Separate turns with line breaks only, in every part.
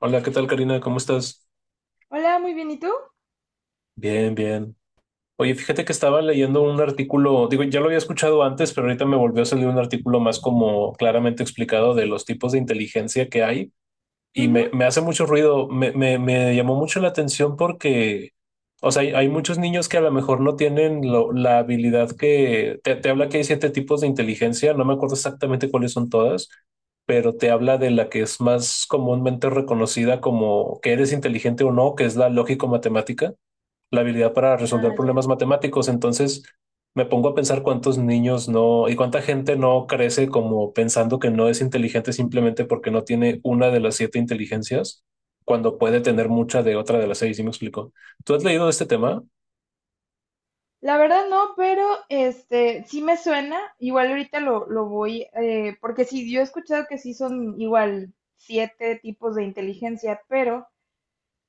Hola, ¿qué tal, Karina? ¿Cómo estás?
Hola, muy bien, ¿y tú?
Bien. Oye, fíjate que estaba leyendo un artículo, digo, ya lo había escuchado antes, pero ahorita me volvió a salir un artículo más como claramente explicado de los tipos de inteligencia que hay. Y
Ujú.
me hace mucho ruido, me llamó mucho la atención porque, o sea, hay muchos niños que a lo mejor no tienen la habilidad que, te habla que hay 7 tipos de inteligencia, no me acuerdo exactamente cuáles son todas, pero te habla de la que es más comúnmente reconocida como que eres inteligente o no, que es la lógico-matemática, la habilidad para resolver
Ah, ya.
problemas matemáticos. Entonces me pongo a pensar cuántos niños no y cuánta gente no crece como pensando que no es inteligente simplemente porque no tiene una de las 7 inteligencias cuando puede tener mucha de otra de las 6. ¿Sí me explico? ¿Tú has leído de este tema?
La verdad no, pero este sí me suena. Igual ahorita lo voy, porque sí, yo he escuchado que sí son igual 7 tipos de inteligencia, pero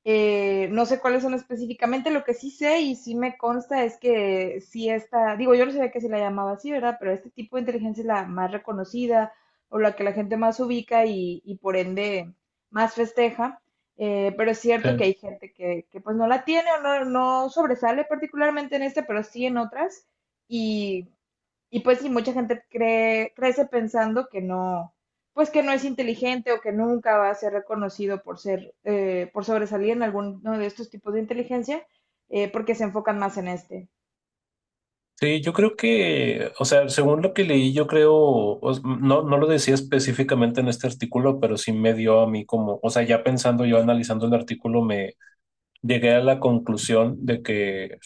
No sé cuáles son específicamente. Lo que sí sé y sí me consta es que sí esta, digo, yo no sabía que se la llamaba así, ¿verdad? Pero este tipo de inteligencia es la más reconocida, o la que la gente más ubica y, por ende más festeja. Pero es cierto que
Eh,
hay gente que pues no la tiene, o no, no sobresale particularmente en este, pero sí en otras. Y y pues sí, mucha gente cree, crece pensando que no, pues que no es inteligente, o que nunca va a ser reconocido por ser, por sobresalir en alguno de estos tipos de inteligencia, porque se enfocan más en este.
Sí, yo creo que, o sea, según lo que leí, yo creo, no, no lo decía específicamente en este artículo, pero sí me dio a mí como, o sea, ya pensando yo, analizando el artículo, me llegué a la conclusión de que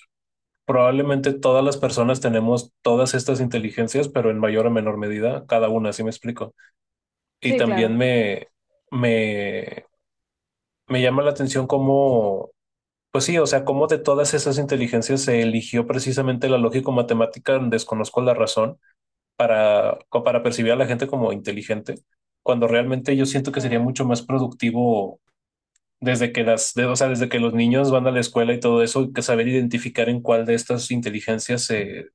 probablemente todas las personas tenemos todas estas inteligencias, pero en mayor o menor medida, cada una, así me explico. Y
Sí,
también
claro.
me, me llama la atención cómo, pues sí, o sea, cómo de todas esas inteligencias se eligió precisamente la lógico-matemática, desconozco la razón, para percibir a la gente como inteligente, cuando realmente yo siento
Sí,
que sería mucho más productivo desde que o sea, desde que los niños van a la escuela y todo eso, que saber identificar en cuál de estas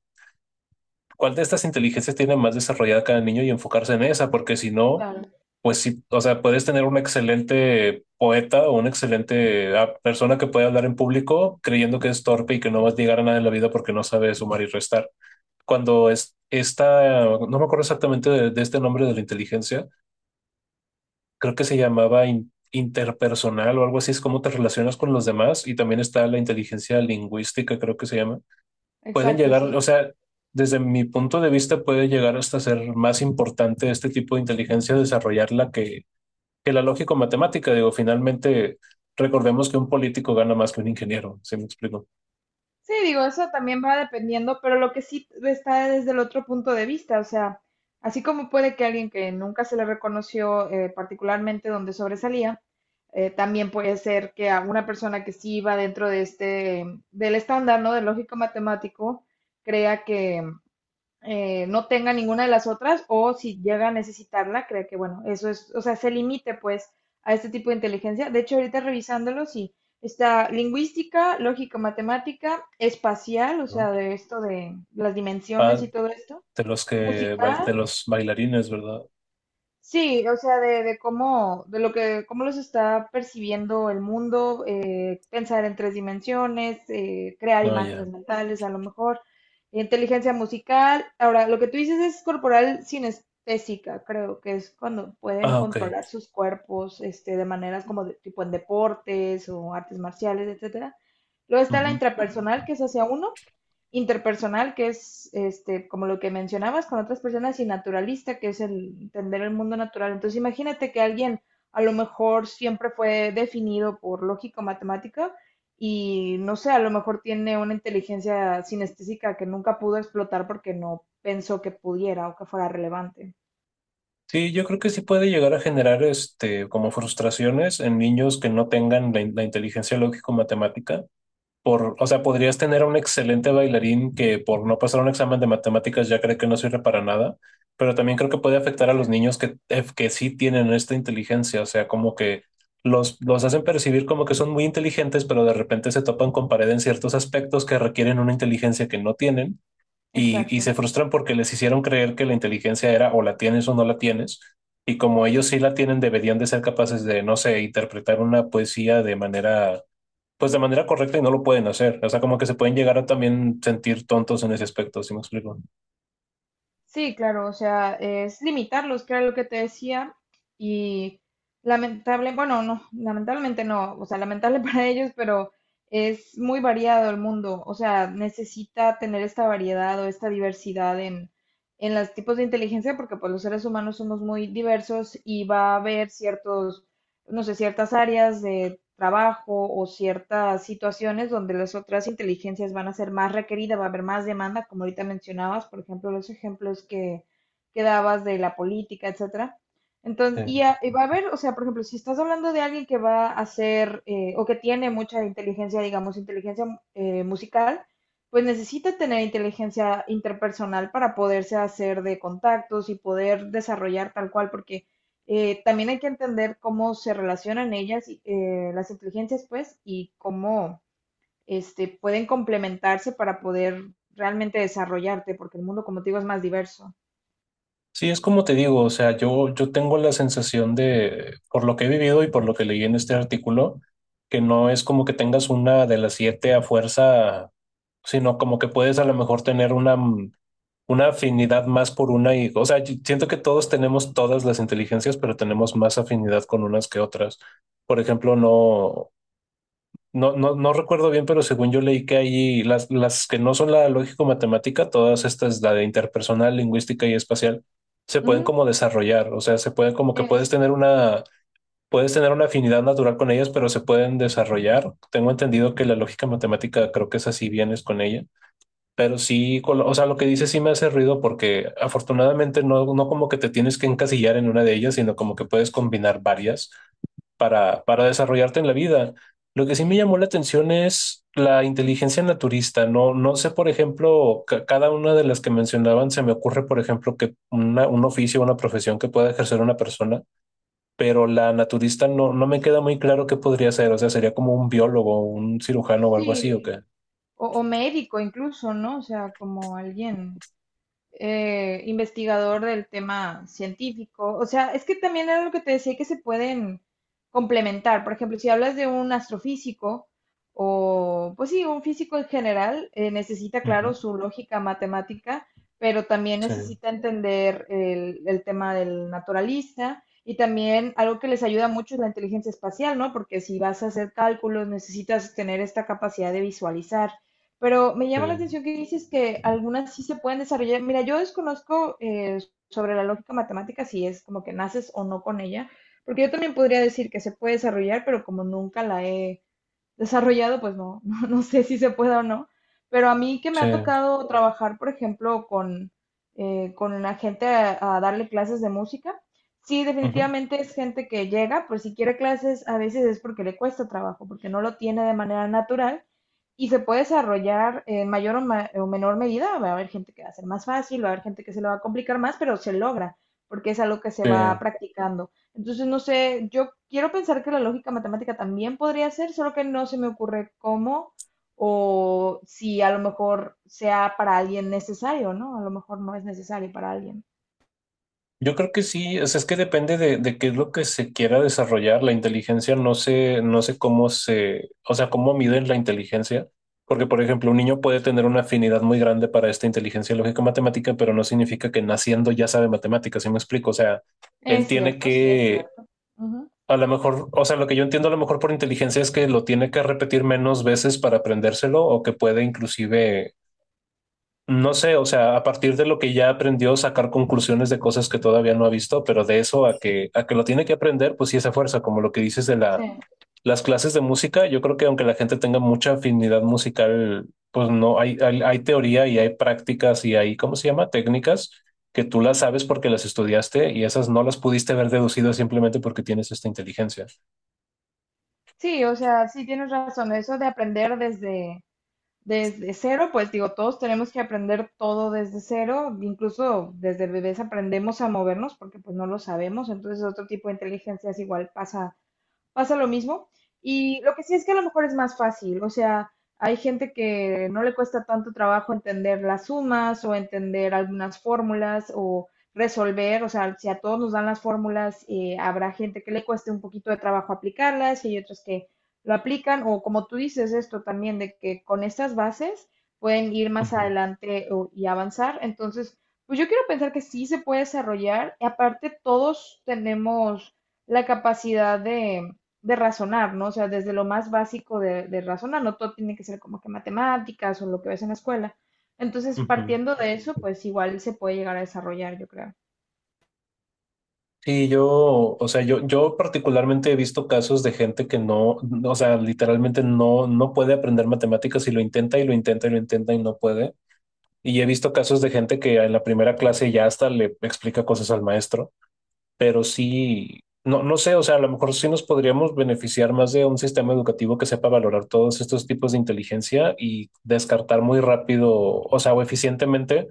cuál de estas inteligencias tiene más desarrollada cada niño y enfocarse en esa, porque si no,
claro.
pues sí, o sea, puedes tener un excelente poeta o una excelente persona que puede hablar en público creyendo que es torpe y que no va a llegar a nada en la vida porque no sabe sumar y restar. Esta, no me acuerdo exactamente de este nombre de la inteligencia, creo que se llamaba interpersonal o algo así, es cómo te relacionas con los demás y también está la inteligencia lingüística, creo que se llama, pueden
Exacto,
llegar, o
sí.
sea, desde mi punto de vista puede llegar hasta ser más importante este tipo de inteligencia desarrollarla que la lógico-matemática. Digo, finalmente, recordemos que un político gana más que un ingeniero, ¿sí me explico?
Sí, digo, eso también va dependiendo, pero lo que sí está desde el otro punto de vista, o sea, así como puede que alguien que nunca se le reconoció particularmente donde sobresalía, también puede ser que a una persona que sí va dentro de este, del estándar, ¿no? Del lógico matemático, crea que, no tenga ninguna de las otras, o si llega a necesitarla, cree que, bueno, eso es, o sea, se limite pues a este tipo de inteligencia. De hecho, ahorita revisándolo, sí, está lingüística, lógica, matemática, espacial, o
¿No?
sea, de esto de las dimensiones
Ah,
y todo esto,
de los que,
musical.
de los bailarines, ¿verdad?
Sí, o sea, de cómo, de lo que, cómo los está percibiendo el mundo, pensar en 3 dimensiones, crear
Ah,
imágenes
ya.
mentales, a lo mejor, inteligencia musical. Ahora, lo que tú dices es corporal sinestésica, creo que es cuando pueden
Ah, ok.
controlar sus cuerpos, este, de maneras como tipo en deportes o artes marciales, etcétera. Luego está la
Ujú.
intrapersonal, que es hacia uno, interpersonal, que es este, como lo que mencionabas, con otras personas, y naturalista, que es el entender el mundo natural. Entonces, imagínate que alguien a lo mejor siempre fue definido por lógico-matemática y no sé, a lo mejor tiene una inteligencia sinestésica que nunca pudo explotar porque no pensó que pudiera o que fuera relevante.
Sí, yo creo que sí puede llegar a generar este, como frustraciones en niños que no tengan la, la inteligencia lógico-matemática, por, o sea, podrías tener a un excelente bailarín que por no pasar un examen de matemáticas ya cree que no sirve para nada, pero también creo que puede afectar a los
Exacto.
niños que sí tienen esta inteligencia, o sea, como que los hacen percibir como que son muy inteligentes, pero de repente se topan con pared en ciertos aspectos que requieren una inteligencia que no tienen y
Exacto.
se frustran porque les hicieron creer que la inteligencia era o la tienes o no la tienes. Y como ellos sí la tienen, deberían de ser capaces de, no sé, interpretar una poesía de manera, pues de manera correcta y no lo pueden hacer. O sea, como que se pueden llegar a también sentir tontos en ese aspecto, ¿si me explico?
Sí, claro, o sea, es limitarlos, que era lo que te decía, y lamentable, bueno, no, lamentablemente no, o sea, lamentable para ellos, pero es muy variado el mundo, o sea, necesita tener esta variedad o esta diversidad en los tipos de inteligencia, porque pues los seres humanos somos muy diversos y va a haber ciertos, no sé, ciertas áreas de trabajo o ciertas situaciones donde las otras inteligencias van a ser más requeridas, va a haber más demanda, como ahorita mencionabas. Por ejemplo, los ejemplos que dabas de la política, etcétera. Entonces,
Sí.
y va a haber, o sea, por ejemplo, si estás hablando de alguien que va a hacer o que tiene mucha inteligencia, digamos, inteligencia musical, pues necesita tener inteligencia interpersonal para poderse hacer de contactos y poder desarrollar tal cual, porque también hay que entender cómo se relacionan ellas, y, las inteligencias, pues, y cómo este, pueden complementarse para poder realmente desarrollarte, porque el mundo, como te digo, es más diverso.
Sí, es como te digo, o sea, yo tengo la sensación de, por lo que he vivido y por lo que leí en este artículo, que no es como que tengas una de las siete a fuerza, sino como que puedes a lo mejor tener una, una afinidad más por una y, o sea, yo siento que todos tenemos todas las inteligencias, pero tenemos más afinidad con unas que otras. Por ejemplo, no, no recuerdo bien, pero según yo leí que hay las que no son la lógico-matemática, todas estas, la de interpersonal, lingüística y espacial, se pueden
Ujú,
como desarrollar, o sea, se puede como que
es,
puedes tener una afinidad natural con ellas, pero se pueden desarrollar. Tengo entendido que la lógica matemática creo que es así, vienes con ella, pero sí, con o sea, lo que dice sí me hace ruido porque afortunadamente no, no como que te tienes que encasillar en una de ellas, sino como que puedes combinar varias para desarrollarte en la vida. Lo que sí me llamó la atención es la inteligencia naturista. No, no sé, por ejemplo, cada una de las que mencionaban, se me ocurre, por ejemplo, que un oficio, una profesión que pueda ejercer una persona, pero la naturista no, no me queda muy claro qué podría ser. O sea, sería como un biólogo, un cirujano o algo así, ¿o
sí,
qué?
o médico incluso, ¿no? O sea, como alguien investigador del tema científico. O sea, es que también era lo que te decía, que se pueden complementar. Por ejemplo, si hablas de un astrofísico o, pues sí, un físico en general, necesita, claro,
Ujú.
su lógica matemática, pero también
Sí,
necesita entender el tema del naturalista. Y también algo que les ayuda mucho es la inteligencia espacial, ¿no? Porque si vas a hacer cálculos, necesitas tener esta capacidad de visualizar. Pero me
sí,
llama la atención que dices que algunas sí se pueden desarrollar. Mira, yo desconozco sobre la lógica matemática si es como que naces o no con ella, porque yo también podría decir que se puede desarrollar, pero como nunca la he desarrollado, pues no, no, no sé si se puede o no, pero a mí que me ha
sí.
tocado trabajar, por ejemplo, con la gente a darle clases de música, sí,
Ujú.
definitivamente es gente que llega, pues si quiere clases, a veces es porque le cuesta trabajo, porque no lo tiene de manera natural, y se puede desarrollar en mayor o, o menor medida. Va a haber gente que va a ser más fácil, va a haber gente que se le va a complicar más, pero se logra, porque es algo que se
Sí.
va practicando. Entonces, no sé, yo quiero pensar que la lógica matemática también podría ser, solo que no se me ocurre cómo, o si a lo mejor sea para alguien necesario, ¿no? A lo mejor no es necesario para alguien.
Yo creo que sí, o sea, es que depende de qué es lo que se quiera desarrollar. La inteligencia no sé, no sé cómo se, o sea, cómo miden la inteligencia. Porque, por ejemplo, un niño puede tener una afinidad muy grande para esta inteligencia lógica matemática, pero no significa que naciendo ya sabe matemáticas, ¿sí me explico? O sea, él
Es
tiene
cierto, sí, es
que,
cierto. Ujú.
a lo mejor, o sea, lo que yo entiendo a lo mejor por inteligencia es que lo tiene que repetir menos veces para aprendérselo o que puede inclusive no sé, o sea, a partir de lo que ya aprendió, sacar conclusiones de cosas que todavía no ha visto, pero de eso a que lo tiene que aprender, pues sí, esa fuerza, como lo que dices de
Sí,
la, las clases de música, yo creo que aunque la gente tenga mucha afinidad musical, pues no, hay teoría y hay prácticas y hay, ¿cómo se llama? Técnicas que tú las sabes porque las estudiaste y esas no las pudiste haber deducido simplemente porque tienes esta inteligencia.
sí, o sea, sí tienes razón. Eso de aprender desde, desde cero, pues digo, todos tenemos que aprender todo desde cero. Incluso desde bebés aprendemos a movernos porque pues no lo sabemos. Entonces otro tipo de inteligencia es igual, pasa pasa lo mismo. Y lo que sí es que a lo mejor es más fácil, o sea, hay gente que no le cuesta tanto trabajo entender las sumas o entender algunas fórmulas, o resolver, o sea, si a todos nos dan las fórmulas, habrá gente que le cueste un poquito de trabajo aplicarlas y hay otros que lo aplican, o como tú dices esto también, de que con estas bases pueden ir más
Ujú,
adelante y avanzar. Entonces, pues yo quiero pensar que sí se puede desarrollar. Y aparte, todos tenemos la capacidad de razonar, ¿no? O sea, desde lo más básico de razonar, no todo tiene que ser como que matemáticas o lo que ves en la escuela. Entonces,
ujú.
partiendo de eso, pues igual se puede llegar a desarrollar, yo creo.
Sí, yo, o sea, yo particularmente he visto casos de gente que no, no, o sea, literalmente no, no puede aprender matemáticas y lo intenta y lo intenta y lo intenta y no puede. Y he visto casos de gente que en la primera clase ya hasta le explica cosas al maestro, pero sí, no, no sé, o sea, a lo mejor sí nos podríamos beneficiar más de un sistema educativo que sepa valorar todos estos tipos de inteligencia y descartar muy rápido, o sea, o eficientemente,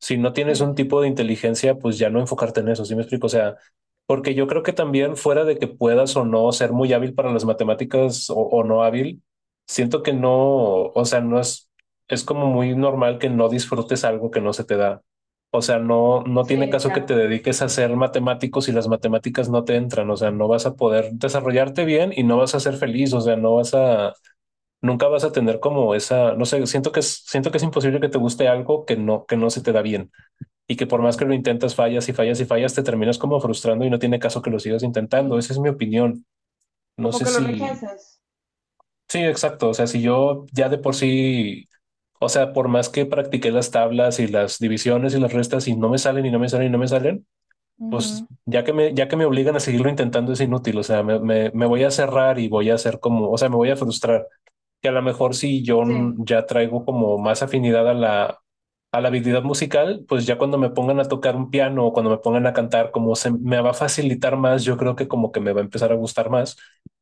si no
Sí.
tienes un tipo de inteligencia, pues ya no enfocarte en eso, ¿sí me explico? O sea, porque yo creo que también fuera de que puedas o no ser muy hábil para las matemáticas o no hábil, siento que no, o sea, no es, es como muy normal que no disfrutes algo que no se te da. O sea, no, no tiene
Sí,
caso que te
claro.
dediques a ser matemático si las matemáticas no te entran. O sea, no vas a poder desarrollarte bien y no vas a ser feliz. O sea, no vas a, nunca vas a tener como esa, no sé, siento que es imposible que te guste algo que no se te da bien y que por más que lo intentas, fallas y fallas y fallas, te terminas como frustrando y no tiene caso que lo sigas intentando.
Sí.
Esa es mi opinión. No
Como
sé
que lo
si,
rechazas.
sí, exacto. O sea, si yo ya de por sí, o sea, por más que practiqué las tablas y las divisiones y las restas y no me salen y no me salen y no me salen, pues
Ujú.
ya que ya que me obligan a seguirlo intentando es inútil. O sea, me voy a cerrar y voy a hacer como, o sea, me voy a frustrar que a lo mejor si yo
Sí, sí,
ya traigo como más afinidad a la habilidad musical, pues ya cuando me pongan a tocar un piano o cuando me pongan a cantar, como se me va a facilitar más, yo creo que como que me va a empezar a gustar más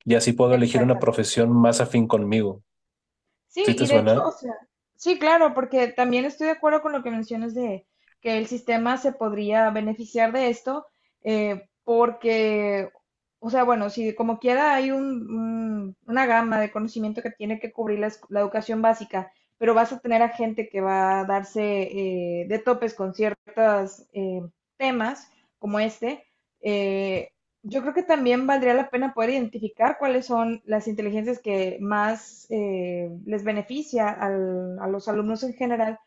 y así puedo elegir una
exactamente.
profesión más afín conmigo.
Sí,
¿Sí te
y de hecho,
suena?
o sea, sí, claro, porque también estoy de acuerdo con lo que mencionas de que el sistema se podría beneficiar de esto, porque, o sea, bueno, si como quiera hay una gama de conocimiento que tiene que cubrir la, la educación básica, pero vas a tener a gente que va a darse de topes con ciertos temas como este. eh, yo creo que también valdría la pena poder identificar cuáles son las inteligencias que más les beneficia a los alumnos en general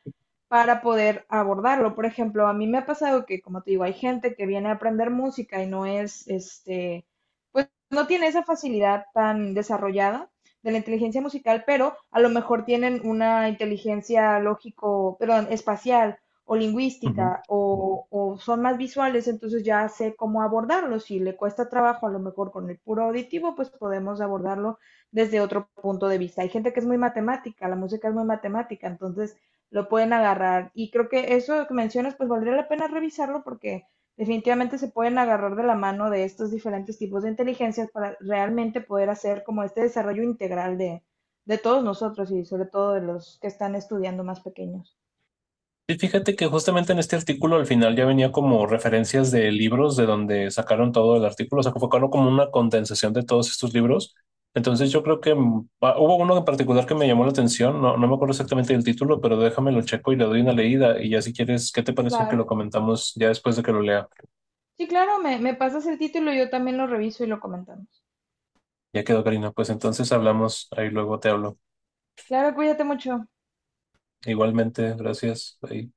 para poder abordarlo. Por ejemplo, a mí me ha pasado que, como te digo, hay gente que viene a aprender música y no es, este, pues no tiene esa facilidad tan desarrollada de la inteligencia musical, pero a lo mejor tienen una inteligencia lógico, perdón, espacial o lingüística o son más visuales, entonces ya sé cómo abordarlo. Si le cuesta trabajo, a lo mejor con el puro auditivo, pues podemos abordarlo desde otro punto de vista. Hay gente que es muy matemática, la música es muy matemática, entonces lo pueden agarrar. Y creo que eso que mencionas, pues valdría la pena revisarlo porque definitivamente se pueden agarrar de la mano de estos diferentes tipos de inteligencias para realmente poder hacer como este desarrollo integral de todos nosotros, y sobre todo de los que están estudiando más pequeños.
Y fíjate que justamente en este artículo al final ya venía como referencias de libros de donde sacaron todo el artículo, o sea, que fue claro como una condensación de todos estos libros. Entonces yo creo que hubo uno en particular que me llamó la atención, no, no me acuerdo exactamente del título, pero déjame lo checo y le doy una leída y ya si quieres, ¿qué te parece que lo
Claro.
comentamos ya después de que lo lea?
Sí, claro, me pasas el título, yo también lo reviso y lo comentamos.
Ya quedó, Karina, pues entonces hablamos, ahí luego te hablo.
Claro, cuídate mucho.
Igualmente, gracias. Ahí.